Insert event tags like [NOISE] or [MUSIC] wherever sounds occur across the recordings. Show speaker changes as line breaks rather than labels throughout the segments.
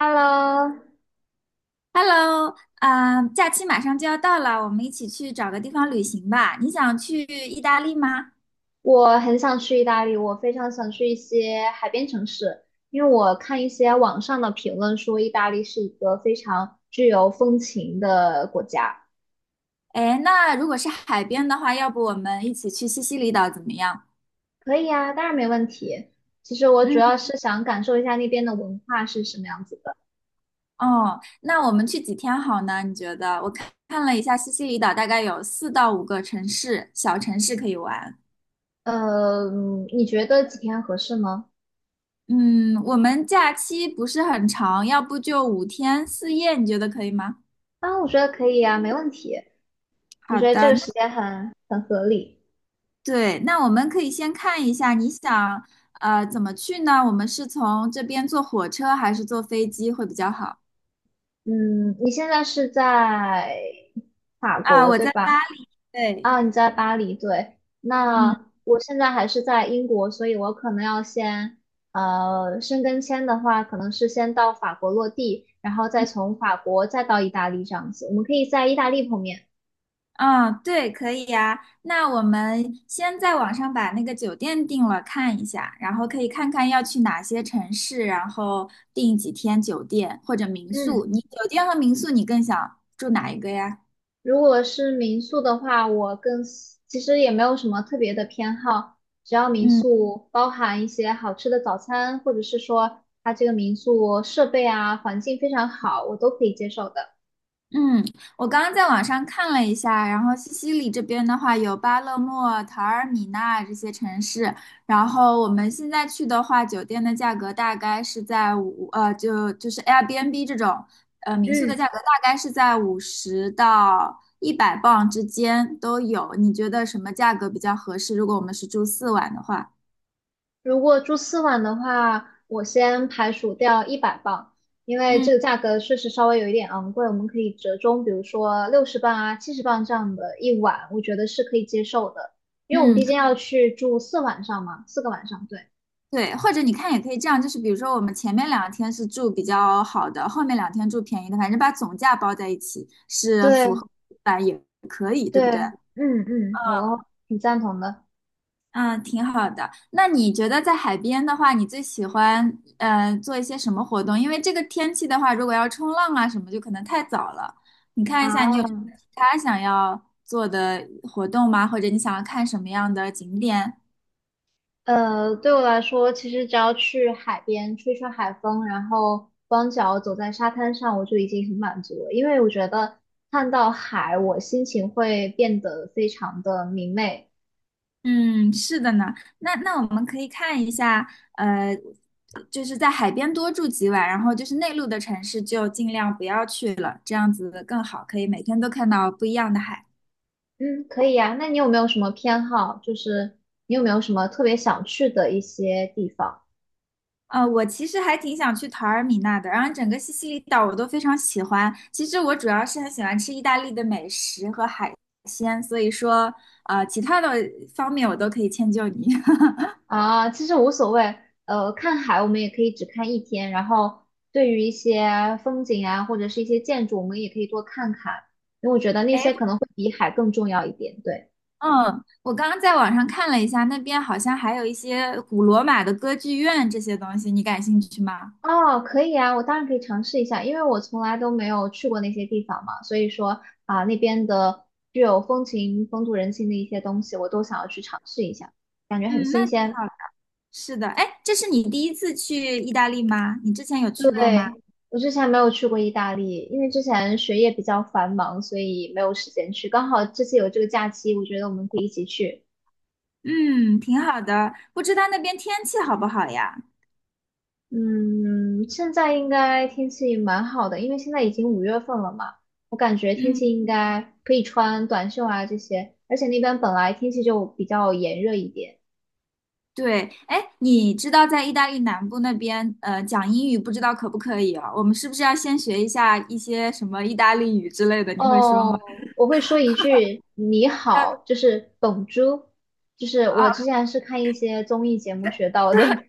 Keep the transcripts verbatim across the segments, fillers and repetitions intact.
Hello，
Hello，啊、假期马上就要到了，我们一起去找个地方旅行吧。你想去意大利吗？
我很想去意大利，我非常想去一些海边城市，因为我看一些网上的评论说意大利是一个非常具有风情的国家。
哎，那如果是海边的话，要不我们一起去西西里岛怎么样？
可以啊，当然没问题。其实我主
嗯，
要是想感受一下那边的文化是什么样子的。
哦，那我们去几天好呢？你觉得？我看看了一下，西西里岛大概有四到五个城市，小城市可以玩。
呃，嗯你觉得几天合适吗？
嗯，我们假期不是很长，要不就五天四夜，你觉得可以吗？
啊，我觉得可以啊，没问题。我
好
觉得这
的，
个时间很很合理。
对，那我们可以先看一下，你想呃怎么去呢？我们是从这边坐火车还是坐飞机会比较好？
嗯，你现在是在法
啊，
国，
我
对
在
吧？
巴黎。对，
啊，你在巴黎，对。那
嗯
我现在还是在英国，所以我可能要先，呃，申根签的话，可能是先到法国落地，然后再
嗯
从法国再到意大利这样子。我们可以在意大利碰面。
啊，对，可以呀。那我们先在网上把那个酒店定了，看一下，然后可以看看要去哪些城市，然后订几天酒店或者民宿。
嗯，
你酒店和民宿你更想住哪一个呀？
如果是民宿的话，我更喜其实也没有什么特别的偏好，只要民
嗯。
宿包含一些好吃的早餐，或者是说它这个民宿设备啊、环境非常好，我都可以接受的。
嗯，我刚刚在网上看了一下，然后西西里这边的话有巴勒莫、陶尔米纳这些城市，然后我们现在去的话，酒店的价格大概是在五呃，就就是 Airbnb 这种呃民宿的
嗯。
价格大概是在五十到一百磅之间都有。你觉得什么价格比较合适？如果我们是住四晚的话，
如果住四晚的话，我先排除掉一百磅，因为
嗯
这个价格确实稍微有一点昂贵，我们可以折中，比如说六十磅啊、七十磅这样的一晚，我觉得是可以接受的，因为我们毕
嗯，
竟要去住四晚上嘛，四个晚上，对
对，或者你看也可以这样，就是比如说我们前面两天是住比较好的，后面两天住便宜的，反正把总价包在一起是
对
符合吧，也可以，对
对，
不对？
嗯嗯，我挺赞同的
嗯，挺好的。那你觉得在海边的话，你最喜欢嗯做一些什么活动？因为这个天气的话，如果要冲浪啊什么，就可能太早了。你看一下，你有其
啊。
他想要做的活动吗？或者你想要看什么样的景点？
呃，对我来说，其实只要去海边吹吹海风，然后光脚走在沙滩上，我就已经很满足了。因为我觉得看到海，我心情会变得非常的明媚。
嗯，是的呢。那那我们可以看一下，呃，就是在海边多住几晚，然后就是内陆的城市就尽量不要去了，这样子更好，可以每天都看到不一样的海。
嗯，可以呀。那你有没有什么偏好？就是你有没有什么特别想去的一些地方？
呃，我其实还挺想去陶尔米纳的，然后整个西西里岛我都非常喜欢。其实我主要是很喜欢吃意大利的美食和海鲜，所以说，呃，其他的方面我都可以迁就你。[LAUGHS]
啊，其实无所谓。呃，看海我们也可以只看一天，然后对于一些风景啊，或者是一些建筑，我们也可以多看看，因为我觉得那些可能会比海更重要一点。对，
嗯，我刚刚在网上看了一下，那边好像还有一些古罗马的歌剧院这些东西，你感兴趣吗？
哦，可以啊，我当然可以尝试一下，因为我从来都没有去过那些地方嘛，所以说啊，那边的具有风情、风土人情的一些东西，我都想要去尝试一下，感觉很
嗯，那
新
挺
鲜。
好的。是的，哎，这是你第一次去意大利吗？你之前有去过吗？
对，我之前没有去过意大利，因为之前学业比较繁忙，所以没有时间去。刚好这次有这个假期，我觉得我们可以一起去。
嗯，挺好的。不知道那边天气好不好呀？
嗯，现在应该天气蛮好的，因为现在已经五月份了嘛，我感觉天
嗯，
气应该可以穿短袖啊这些，而且那边本来天气就比较炎热一点。
对。哎，你知道在意大利南部那边，呃，讲英语不知道可不可以哦？我们是不是要先学一下一些什么意大利语之类的？你会说吗？
哦，我会说一句你好，就
[LAUGHS]
是 b o 就是我
啊，
之前是看一些综艺节目学到的。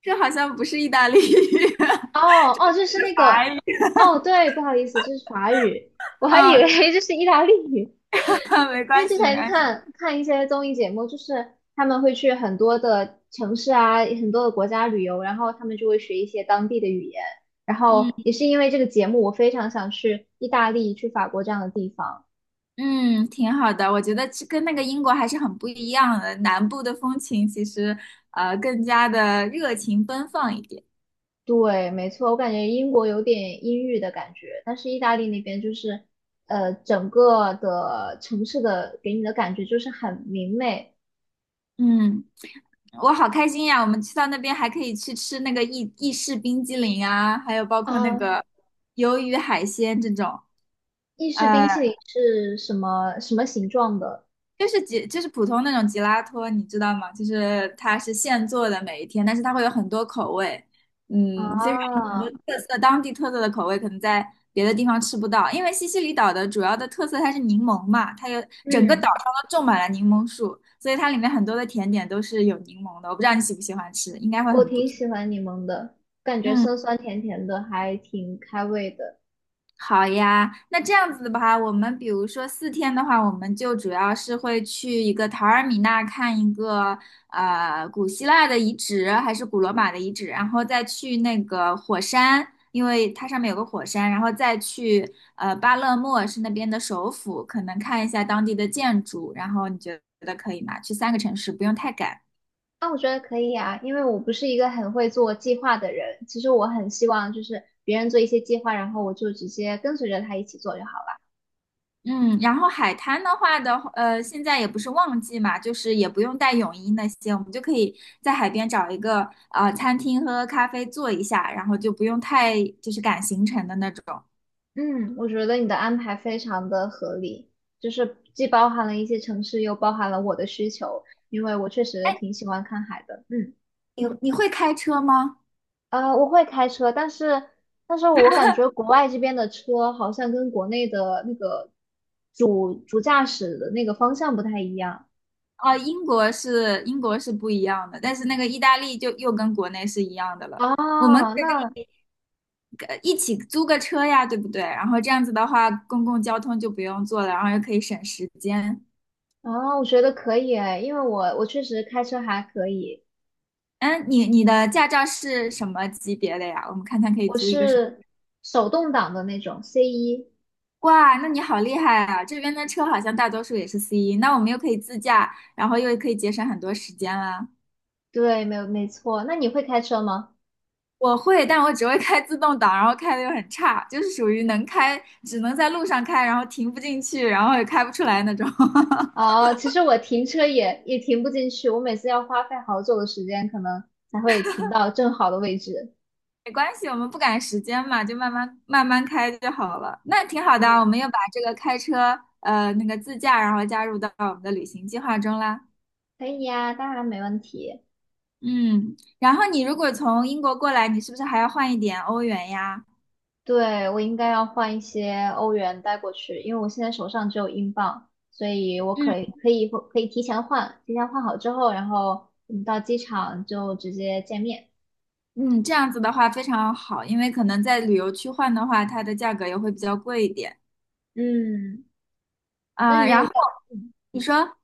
这好像不是意大利语。[LAUGHS]
哦哦，就是那个，哦对，不好意思，这是法语，我还以为
啊，
[LAUGHS] 这是意大利语，
[LAUGHS] 没
因为
关
之
系，没
前
关系。
看看一些综艺节目，就是他们会去很多的城市啊，很多的国家旅游，然后他们就会学一些当地的语言，然
嗯
后也是因为这个节目，我非常想去意大利、去法国这样的地方。
嗯，挺好的。我觉得这跟那个英国还是很不一样的，南部的风情其实呃更加的热情奔放一点。
对，没错，我感觉英国有点阴郁的感觉，但是意大利那边就是，呃，整个的城市的给你的感觉就是很明媚。
嗯，我好开心呀！我们去到那边还可以去吃那个意意式冰激凌啊，还有包括那
啊，
个鱿鱼海鲜这种。
意式冰
呃。
淇淋是什么什么形状的？
就是吉，就是普通那种吉拉托，你知道吗？就是它是现做的每一天，但是它会有很多口味，嗯，非常很多
啊，
特色，当地特色的口味可能在别的地方吃不到，因为西西里岛的主要的特色它是柠檬嘛，它有整个岛
嗯，
上都种满了柠檬树，所以它里面很多的甜点都是有柠檬的，我不知道你喜不喜欢吃，应该会
我
很不
挺
错。
喜欢柠檬的，感觉
嗯。
酸酸甜甜的，还挺开胃的。
好呀，那这样子的话，我们比如说四天的话，我们就主要是会去一个塔尔米纳看一个呃古希腊的遗址，还是古罗马的遗址，然后再去那个火山，因为它上面有个火山，然后再去呃巴勒莫是那边的首府，可能看一下当地的建筑，然后你觉得可以吗？去三个城市，不用太赶。
那我觉得可以啊，因为我不是一个很会做计划的人，其实我很希望就是别人做一些计划，然后我就直接跟随着他一起做就好了。
嗯，然后海滩的话的呃，现在也不是旺季嘛，就是也不用带泳衣那些，我们就可以在海边找一个呃餐厅喝喝咖啡坐一下，然后就不用太就是赶行程的那种。
嗯，我觉得你的安排非常的合理，就是既包含了一些城市，又包含了我的需求，因为我确实
哎，
挺喜欢看海的。嗯。
你你会开车吗？
啊，我会开车，但是但是我感觉国外这边的车好像跟国内的那个主主驾驶的那个方向不太一样
哦，英国是英国是不一样的，但是那个意大利就又跟国内是一样的了。我们可
啊。那
以呃一起租个车呀，对不对？然后这样子的话，公共交通就不用坐了，然后又可以省时间。
啊，我觉得可以哎，因为我我确实开车还可以，
嗯，你你的驾照是什么级别的呀？我们看看可以
我
租一个什么。
是手动挡的那种 c 一。
哇，那你好厉害啊！这边的车好像大多数也是 C 一，那我们又可以自驾，然后又可以节省很多时间啦。
对，没有没错。那你会开车吗？
我会，但我只会开自动挡，然后开的又很差，就是属于能开，只能在路上开，然后停不进去，然后也开不出来那种。[LAUGHS]
啊，其实我停车也也停不进去，我每次要花费好久的时间，可能才会停到正好的位置。
没关系，我们不赶时间嘛，就慢慢慢慢开就好了。那挺好的啊，我
嗯，
们又把这个开车，呃，那个自驾，然后加入到我们的旅行计划中啦。
可以呀，当然没问题。
嗯，然后你如果从英国过来，你是不是还要换一点欧元呀？
对，我应该要换一些欧元带过去，因为我现在手上只有英镑，所以我
嗯，
可以可以可以提前换，提前换好之后，然后我们到机场就直接见面。
嗯，这样子的话非常好，因为可能在旅游区换的话，它的价格也会比较贵一点。
嗯，那
啊、
你有
然
没
后
有？嗯
你说，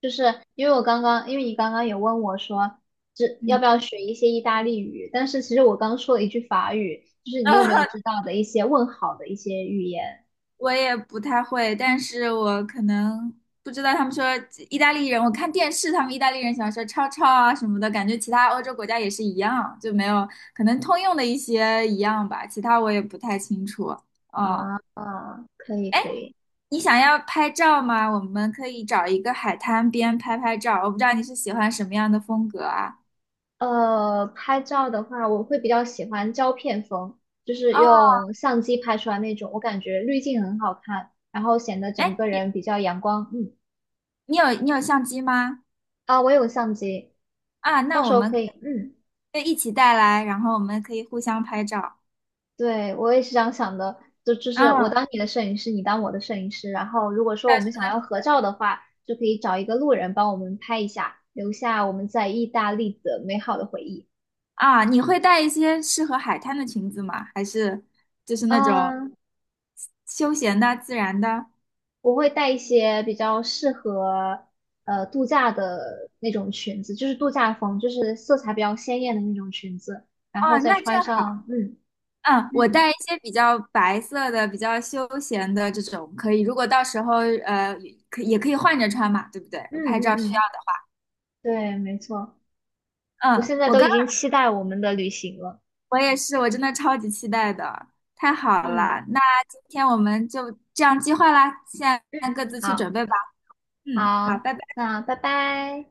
就是因为我刚刚，因为你刚刚有问我说，这要
嗯，
不要学一些意大利语？但是其实我刚说了一句法语，就是你有没有知
[LAUGHS]
道的一些问好的一些语言
我也不太会，但是我可能不知道他们说意大利人，我看电视他们意大利人喜欢说超超啊什么的，感觉其他欧洲国家也是一样，就没有可能通用的一些一样吧，其他我也不太清楚。嗯。
啊？啊可以可以。
你想要拍照吗？我们可以找一个海滩边拍拍照。我不知道你是喜欢什么样的风格啊？
呃，拍照的话，我会比较喜欢胶片风，就是
哦，
用相机拍出来那种，我感觉滤镜很好看，然后显得整
哎，
个
你
人比较阳光。嗯，
你有你有相机吗？
啊，我有相机，
啊，
到
那
时
我
候
们
可以。嗯，
可以一起带来，然后我们可以互相拍照。
对，我也是这样想的，就就是我
嗯，
当你的摄影师，你当我的摄影师，然后如果说我
但是
们想要
的。
合照的话，就可以找一个路人帮我们拍一下，留下我们在意大利的美好的回忆。
啊，你会带一些适合海滩的裙子吗？还是就是那种
啊
休闲的、自然的？
我会带一些比较适合呃度假的那种裙子，就是度假风，就是色彩比较鲜艳的那种裙子，然后
哦，
再
那正
穿
好。
上，嗯
嗯，我
嗯
带一些比较白色的、比较休闲的这种可以，如果到时候呃可也可以换着穿嘛，对不对？
嗯
拍照需
嗯
要
嗯，
的。
对，没错，我
嗯，
现在
我
都
刚
已经期待我们的旅行了，
我也是，我真的超级期待的，太好
嗯
了。那今天我们就这样计划啦，现在
嗯，
各自去
好
准备吧。嗯，好，
好，
拜拜。
那拜拜。